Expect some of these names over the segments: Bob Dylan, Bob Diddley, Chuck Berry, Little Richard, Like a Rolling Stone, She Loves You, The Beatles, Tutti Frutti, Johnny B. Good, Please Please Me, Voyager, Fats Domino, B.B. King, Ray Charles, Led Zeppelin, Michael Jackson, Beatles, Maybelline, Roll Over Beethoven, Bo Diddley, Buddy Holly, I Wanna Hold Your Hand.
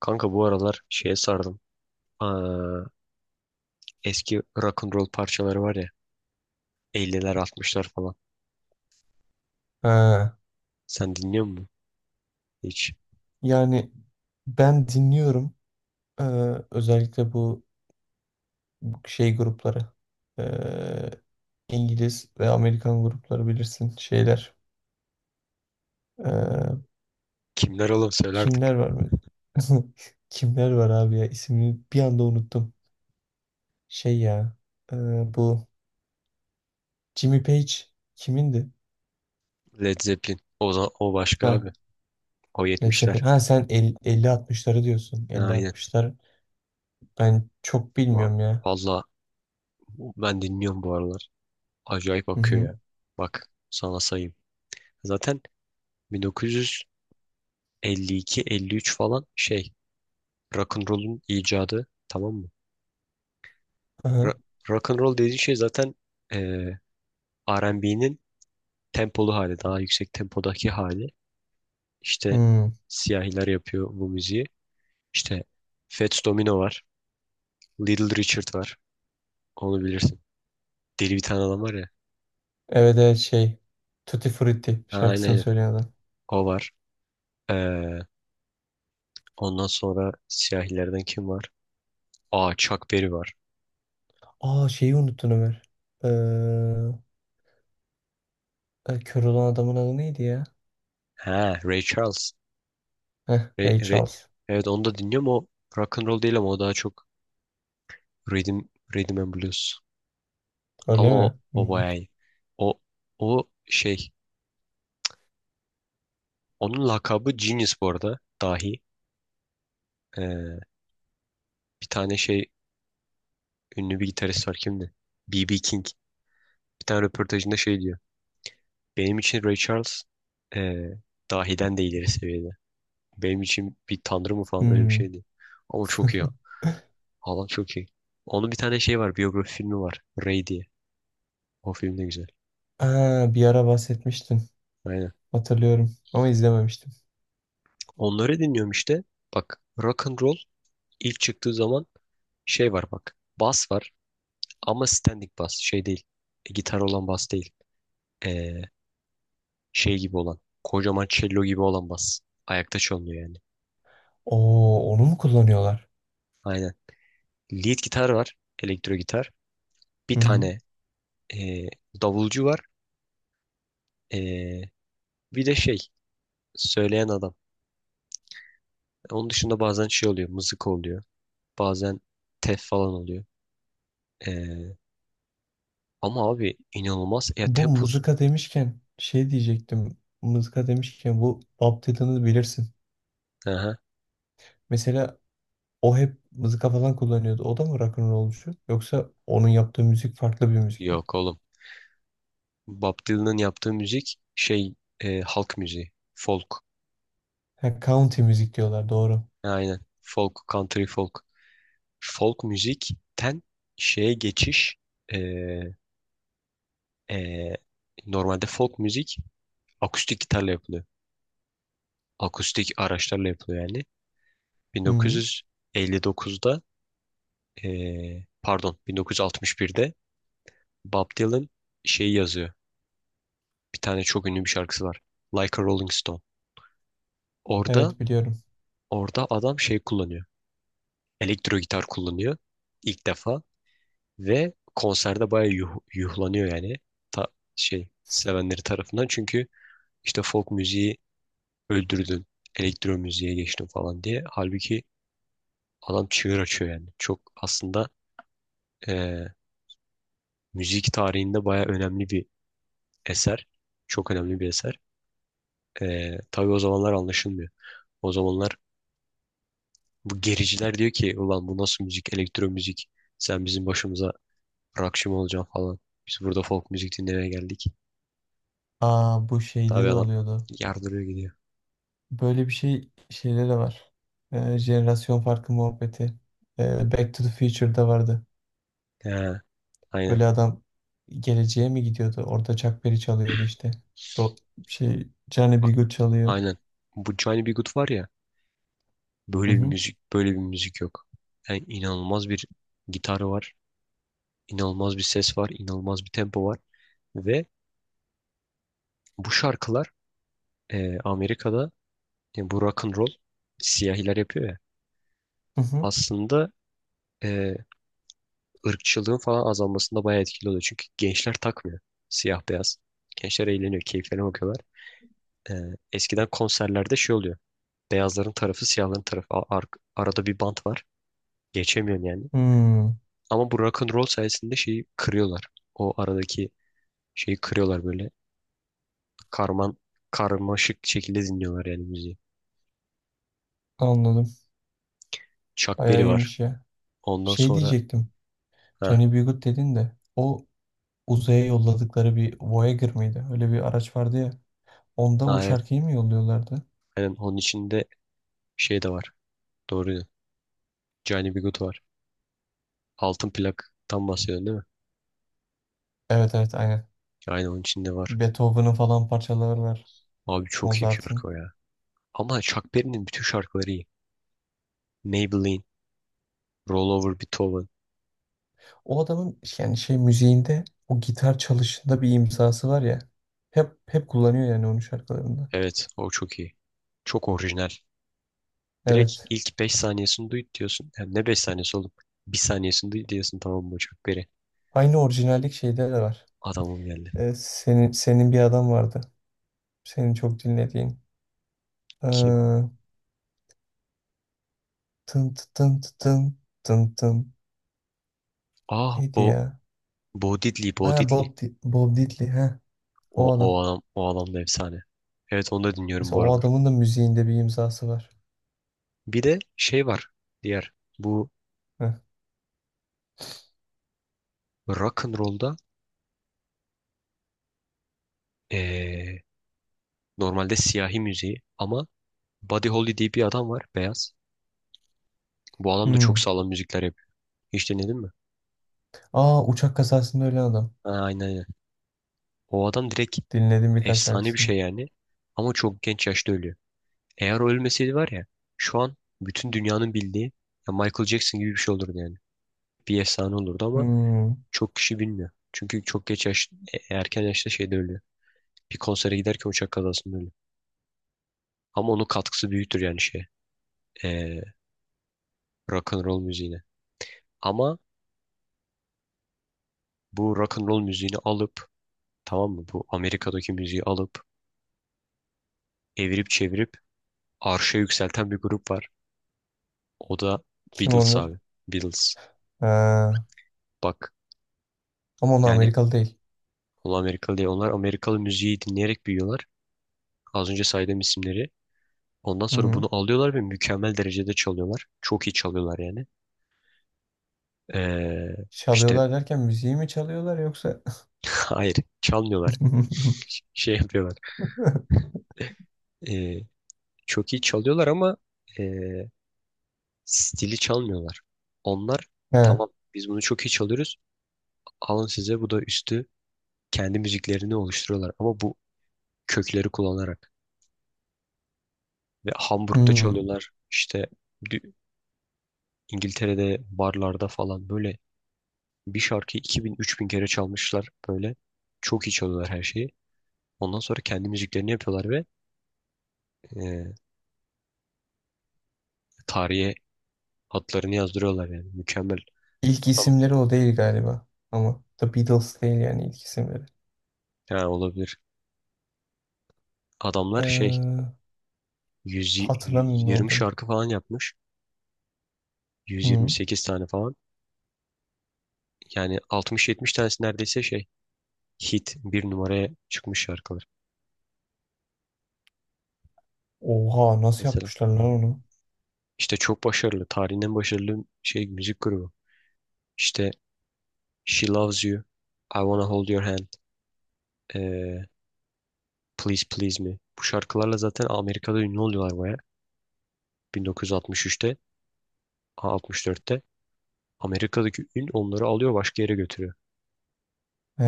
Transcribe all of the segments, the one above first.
Kanka bu aralar şeye sardım. Aa, eski rock and roll parçaları var ya. 50'ler 60'lar falan. Ha, Sen dinliyor musun? Hiç. yani ben dinliyorum. Ee, Özellikle bu şey grupları. Ee, İngiliz ve Amerikan grupları bilirsin şeyler. Ee, Kimler oğlum söyle artık. Kimler var mı? Kimler var abi ya? İsmini bir anda unuttum. Şey ya. ee, bu Jimmy Page kimindi? Led Zeppelin. O başka Ha, abi. O Led 70'ler. Zeppelin. Ha sen 50-60'ları diyorsun. Ha, aynen. 50-60'lar ben çok Va- bilmiyorum ya. Valla ben dinliyorum bu aralar. Acayip Hı akıyor hı. ya. Bak sana sayayım. Zaten 1952-53 falan şey. Rock and roll'un icadı, tamam mı? Ra Aha. rock and roll dediğin şey zaten eee R&B'nin tempolu hali, daha yüksek tempodaki hali. İşte Hmm. siyahiler yapıyor bu müziği. İşte Fats Domino var. Little Richard var. Onu bilirsin. Deli bir tane adam var ya. Evet evet şey. Tutti Frutti Ha, aynen şarkısını aynen. söyleyen adam. O var. Ee, ondan sonra siyahilerden kim var? Aa, Chuck Berry var. Aa şeyi unuttun Ömer. Ee, Kör olan adamın adı neydi ya? Ha, Ray Charles. Heh, Ray- Ray Ray- Charles. Evet, onu da dinliyorum. O rock and roll değil ama o daha çok rhythm, rhythm and blues. Ama Öyle o, mi? o Hmm. bayağı iyi. O, o şey. Onun lakabı Genius, bu arada. Dahi. Ee, Bir tane şey ünlü bir gitarist var kimdi? B.B. King. Bir tane röportajında şey diyor. Benim için Ray Charles, eee dahiden de ileri seviyede. Benim için bir tanrı mı falan öyle bir şey Hmm. şeydi. Ama çok iyi. Haaland çok iyi. Onun bir tane şey var. Biyografi filmi var, Ray diye. O film de güzel. Aa, bir ara bahsetmiştin. Aynen. Hatırlıyorum ama izlememiştim. Onları dinliyorum işte. Bak, rock and roll ilk çıktığı zaman şey var bak. Bas var ama standing bas. Şey değil. Gitar olan bas değil. E, Şey gibi olan. Kocaman cello gibi olan bas. Ayakta çalınıyor yani. Oo onu mu kullanıyorlar? Aynen. Lead gitar var. Elektro gitar. Bir Hı hı. tane e, davulcu var. E, bir de şey söyleyen adam. Onun dışında bazen şey oluyor. Mızık oluyor. Bazen tef falan oluyor. E, ama abi inanılmaz. Ya Bu tempo. mızıka demişken şey diyecektim. Mızıka demişken bu Bob Dylan'ı bilirsin. Aha. Mesela o hep mızıka falan kullanıyordu. O da mı rock'n'rollcu? Yoksa onun yaptığı müzik farklı bir müzik mi? Yok oğlum. Bob Dylan'ın yaptığı müzik şey, halk müziği. Folk. Ha, country müzik diyorlar doğru. Aynen. Folk, country folk. Folk müzikten şeye geçiş, e, e, normalde folk müzik akustik gitarla yapılıyor. Akustik araçlarla yapılıyor yani. Hı, 1959'da, e, pardon, 1961'de Bob Dylan şeyi yazıyor. Bir tane çok ünlü bir şarkısı var: Like a Rolling Stone. Orada evet biliyorum. orada adam şey kullanıyor. Elektro gitar kullanıyor ilk defa ve konserde bayağı yuhlanıyor yani. Ta, şey sevenleri tarafından. Çünkü İşte folk müziği öldürdün, elektro müziğe geçtin falan diye. Halbuki adam çığır açıyor yani. Çok aslında, eee, müzik tarihinde baya önemli bir eser. Çok önemli bir eser. Tabii o zamanlar anlaşılmıyor. O zamanlar bu gericiler diyor ki ulan bu nasıl müzik, elektro müzik. Sen bizim başımıza rockçı mı olacaksın falan. Biz burada folk müzik dinlemeye geldik. Aa bu şeyde Tabii de adam oluyordu. yardırıyor gidiyor. Böyle bir şey şeyde de var. Jenerasyon farkı muhabbeti. Back to the Future'da vardı. He, aynen. Böyle adam geleceğe mi gidiyordu? Orada Chuck Berry çalıyordu işte. Ro Şey Johnny B. Bak, Good çalıyor. aynen. Bu Johnny B. Good var ya. Hı Böyle bir hı. müzik, böyle bir müzik yok. Yani inanılmaz bir gitarı var, inanılmaz bir ses var, inanılmaz bir tempo var ve bu şarkılar, Amerika'da, bu rock and roll siyahiler yapıyor ya. Hı hı. Aslında e, ırkçılığın falan azalmasında bayağı etkili oluyor. Çünkü gençler takmıyor siyah beyaz. Gençler eğleniyor, keyiflerine bakıyorlar. E, eskiden konserlerde şey oluyor. Beyazların tarafı, siyahların tarafı. Arada bir bant var. Geçemiyorsun yani. Hmm, Ama bu rock and roll sayesinde şeyi kırıyorlar, o aradaki şeyi kırıyorlar böyle. Karman karmaşık şekilde dinliyorlar yani müziği. anladım. Chuck Bayağı Berry var. iyiymiş ya. Ondan Şey sonra, diyecektim. ha, Johnny B. Good dedin de o uzaya yolladıkları bir Voyager mıydı? Öyle bir araç vardı ya. Onda o ha evet. şarkıyı mı yolluyorlardı? Aynen, onun içinde şey de var. Doğru ya. Johnny B. Good var. Altın plaktan bahsediyorsun değil mi? Evet evet aynen. Aynen, onun içinde var. Beethoven'ın falan parçaları var. Abi çok iyi bir şarkı o Mozart'ın. ya. Ama Chuck Berry'nin bütün şarkıları iyi. Maybelline, Roll Over Beethoven. O adamın yani şey müziğinde o gitar çalışında bir imzası var ya. Hep kullanıyor yani onun şarkılarında. Evet, o çok iyi. Çok orijinal. Direkt Evet. ilk 5 saniyesini duy diyorsun. Yani ne 5 saniyesi oğlum? Bir saniyesini duy diyorsun, tamam mı Chuck Berry? Aynı orijinallik şeyde de var. Adamım geldi. Senin bir adam vardı. Senin çok dinlediğin. Ki Ee, Tın tı tın tı tın tın tın. Ah Neydi Bo ya? Bo Diddley, Bo Ha, Diddley. Bob Diddley. Ha, O, o o adam. adam, o adam da efsane. Evet, onu da dinliyorum bu Mesela o aralar. adamın da müziğinde bir imzası var. Bir de şey var diğer bu Heh. rock and roll'da, eee, normalde siyahi müziği ama Buddy Holly diye bir adam var, beyaz. Bu adam da çok Hmm. sağlam müzikler yapıyor. Hiç dinledin mi? Aa uçak kazasında ölen adam. Ha, aynen aynen. O adam direkt Dinledim birkaç efsane bir şarkısını. şey yani ama çok genç yaşta ölüyor. Eğer o ölmeseydi var ya, şu an bütün dünyanın bildiği, ya Michael Jackson gibi bir şey olurdu yani. Bir efsane olurdu ama Hmm, çok kişi bilmiyor. Çünkü çok geç yaş, erken yaşta şeyde ölüyor. Bir konsere giderken uçak kazasında ölüyor. Ama onun katkısı büyüktür yani şey. E, rock and roll müziğine. Ama bu rock and roll müziğini alıp, tamam mı? Bu Amerika'daki müziği alıp evirip çevirip arşa yükselten bir grup var. O da kim Beatles onlar? abi. Beatles. Ha, Bak ama onlar yani Amerikalı değil. onlar Amerikalı değil. Onlar Amerikalı müziği dinleyerek büyüyorlar. Az önce saydığım isimleri. Ondan Hı sonra hı. bunu alıyorlar ve mükemmel derecede çalıyorlar. Çok iyi çalıyorlar yani. Ee, işte Çalıyorlar derken müziği mi çalıyorlar yoksa? hayır, çalmıyorlar. Şey yapıyorlar. Ee, çok iyi çalıyorlar ama ee, stili çalmıyorlar. Onlar, Ha, tamam, biz bunu çok iyi çalıyoruz. Alın size bu da üstü, kendi müziklerini oluşturuyorlar. Ama bu kökleri kullanarak. Ve Hamburg'da hmm. çalıyorlar. İşte dü- İngiltere'de barlarda falan böyle bir şarkıyı 2000-3000 kere çalmışlar. Böyle çok iyi çalıyorlar her şeyi. Ondan sonra kendi müziklerini yapıyorlar ve, ee, tarihe adlarını yazdırıyorlar yani. Mükemmel. İlk Adam isimleri o değil galiba. Ama The Beatles değil yani ilk isimleri. Ha, olabilir. Adamlar şey Ee, 100, Hatırlamıyorum ne 120 olduğunu. şarkı falan yapmış. Hı. 128 tane falan. Yani 60-70 tanesi neredeyse şey hit bir numaraya çıkmış şarkılar Oha nasıl mesela. yapmışlar lan onu? İşte çok başarılı. Tarihin en başarılı şey müzik grubu. İşte She Loves You, I Wanna Hold Your Hand, eee, Please Please Me. Bu şarkılarla zaten Amerika'da ünlü oluyorlar baya. 1963'te, ha, 64'te. Amerika'daki ün onları alıyor başka yere götürüyor. Ee,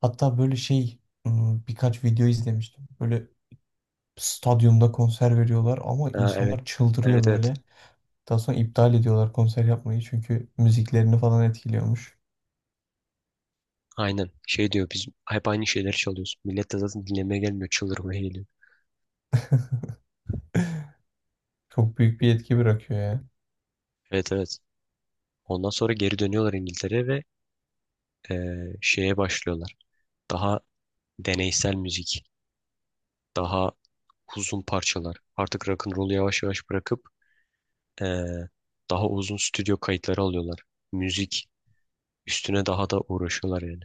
Hatta böyle şey birkaç video izlemiştim. Böyle stadyumda konser veriyorlar ama Ha, evet. insanlar çıldırıyor Evet evet. böyle. Daha sonra iptal ediyorlar konser yapmayı çünkü müziklerini falan etkiliyormuş. Aynen. Şey diyor biz hep aynı şeyleri çalıyoruz. Millet de zaten dinlemeye gelmiyor, çıldırmaya geliyor. Çok büyük bir etki bırakıyor ya. Evet evet. Ondan sonra geri dönüyorlar İngiltere'ye ve, şeye başlıyorlar. Daha deneysel müzik. Daha uzun parçalar. Artık rock'n'roll'u yavaş yavaş bırakıp, eee, daha uzun stüdyo kayıtları alıyorlar. Müzik üstüne daha da uğraşıyorlar yani.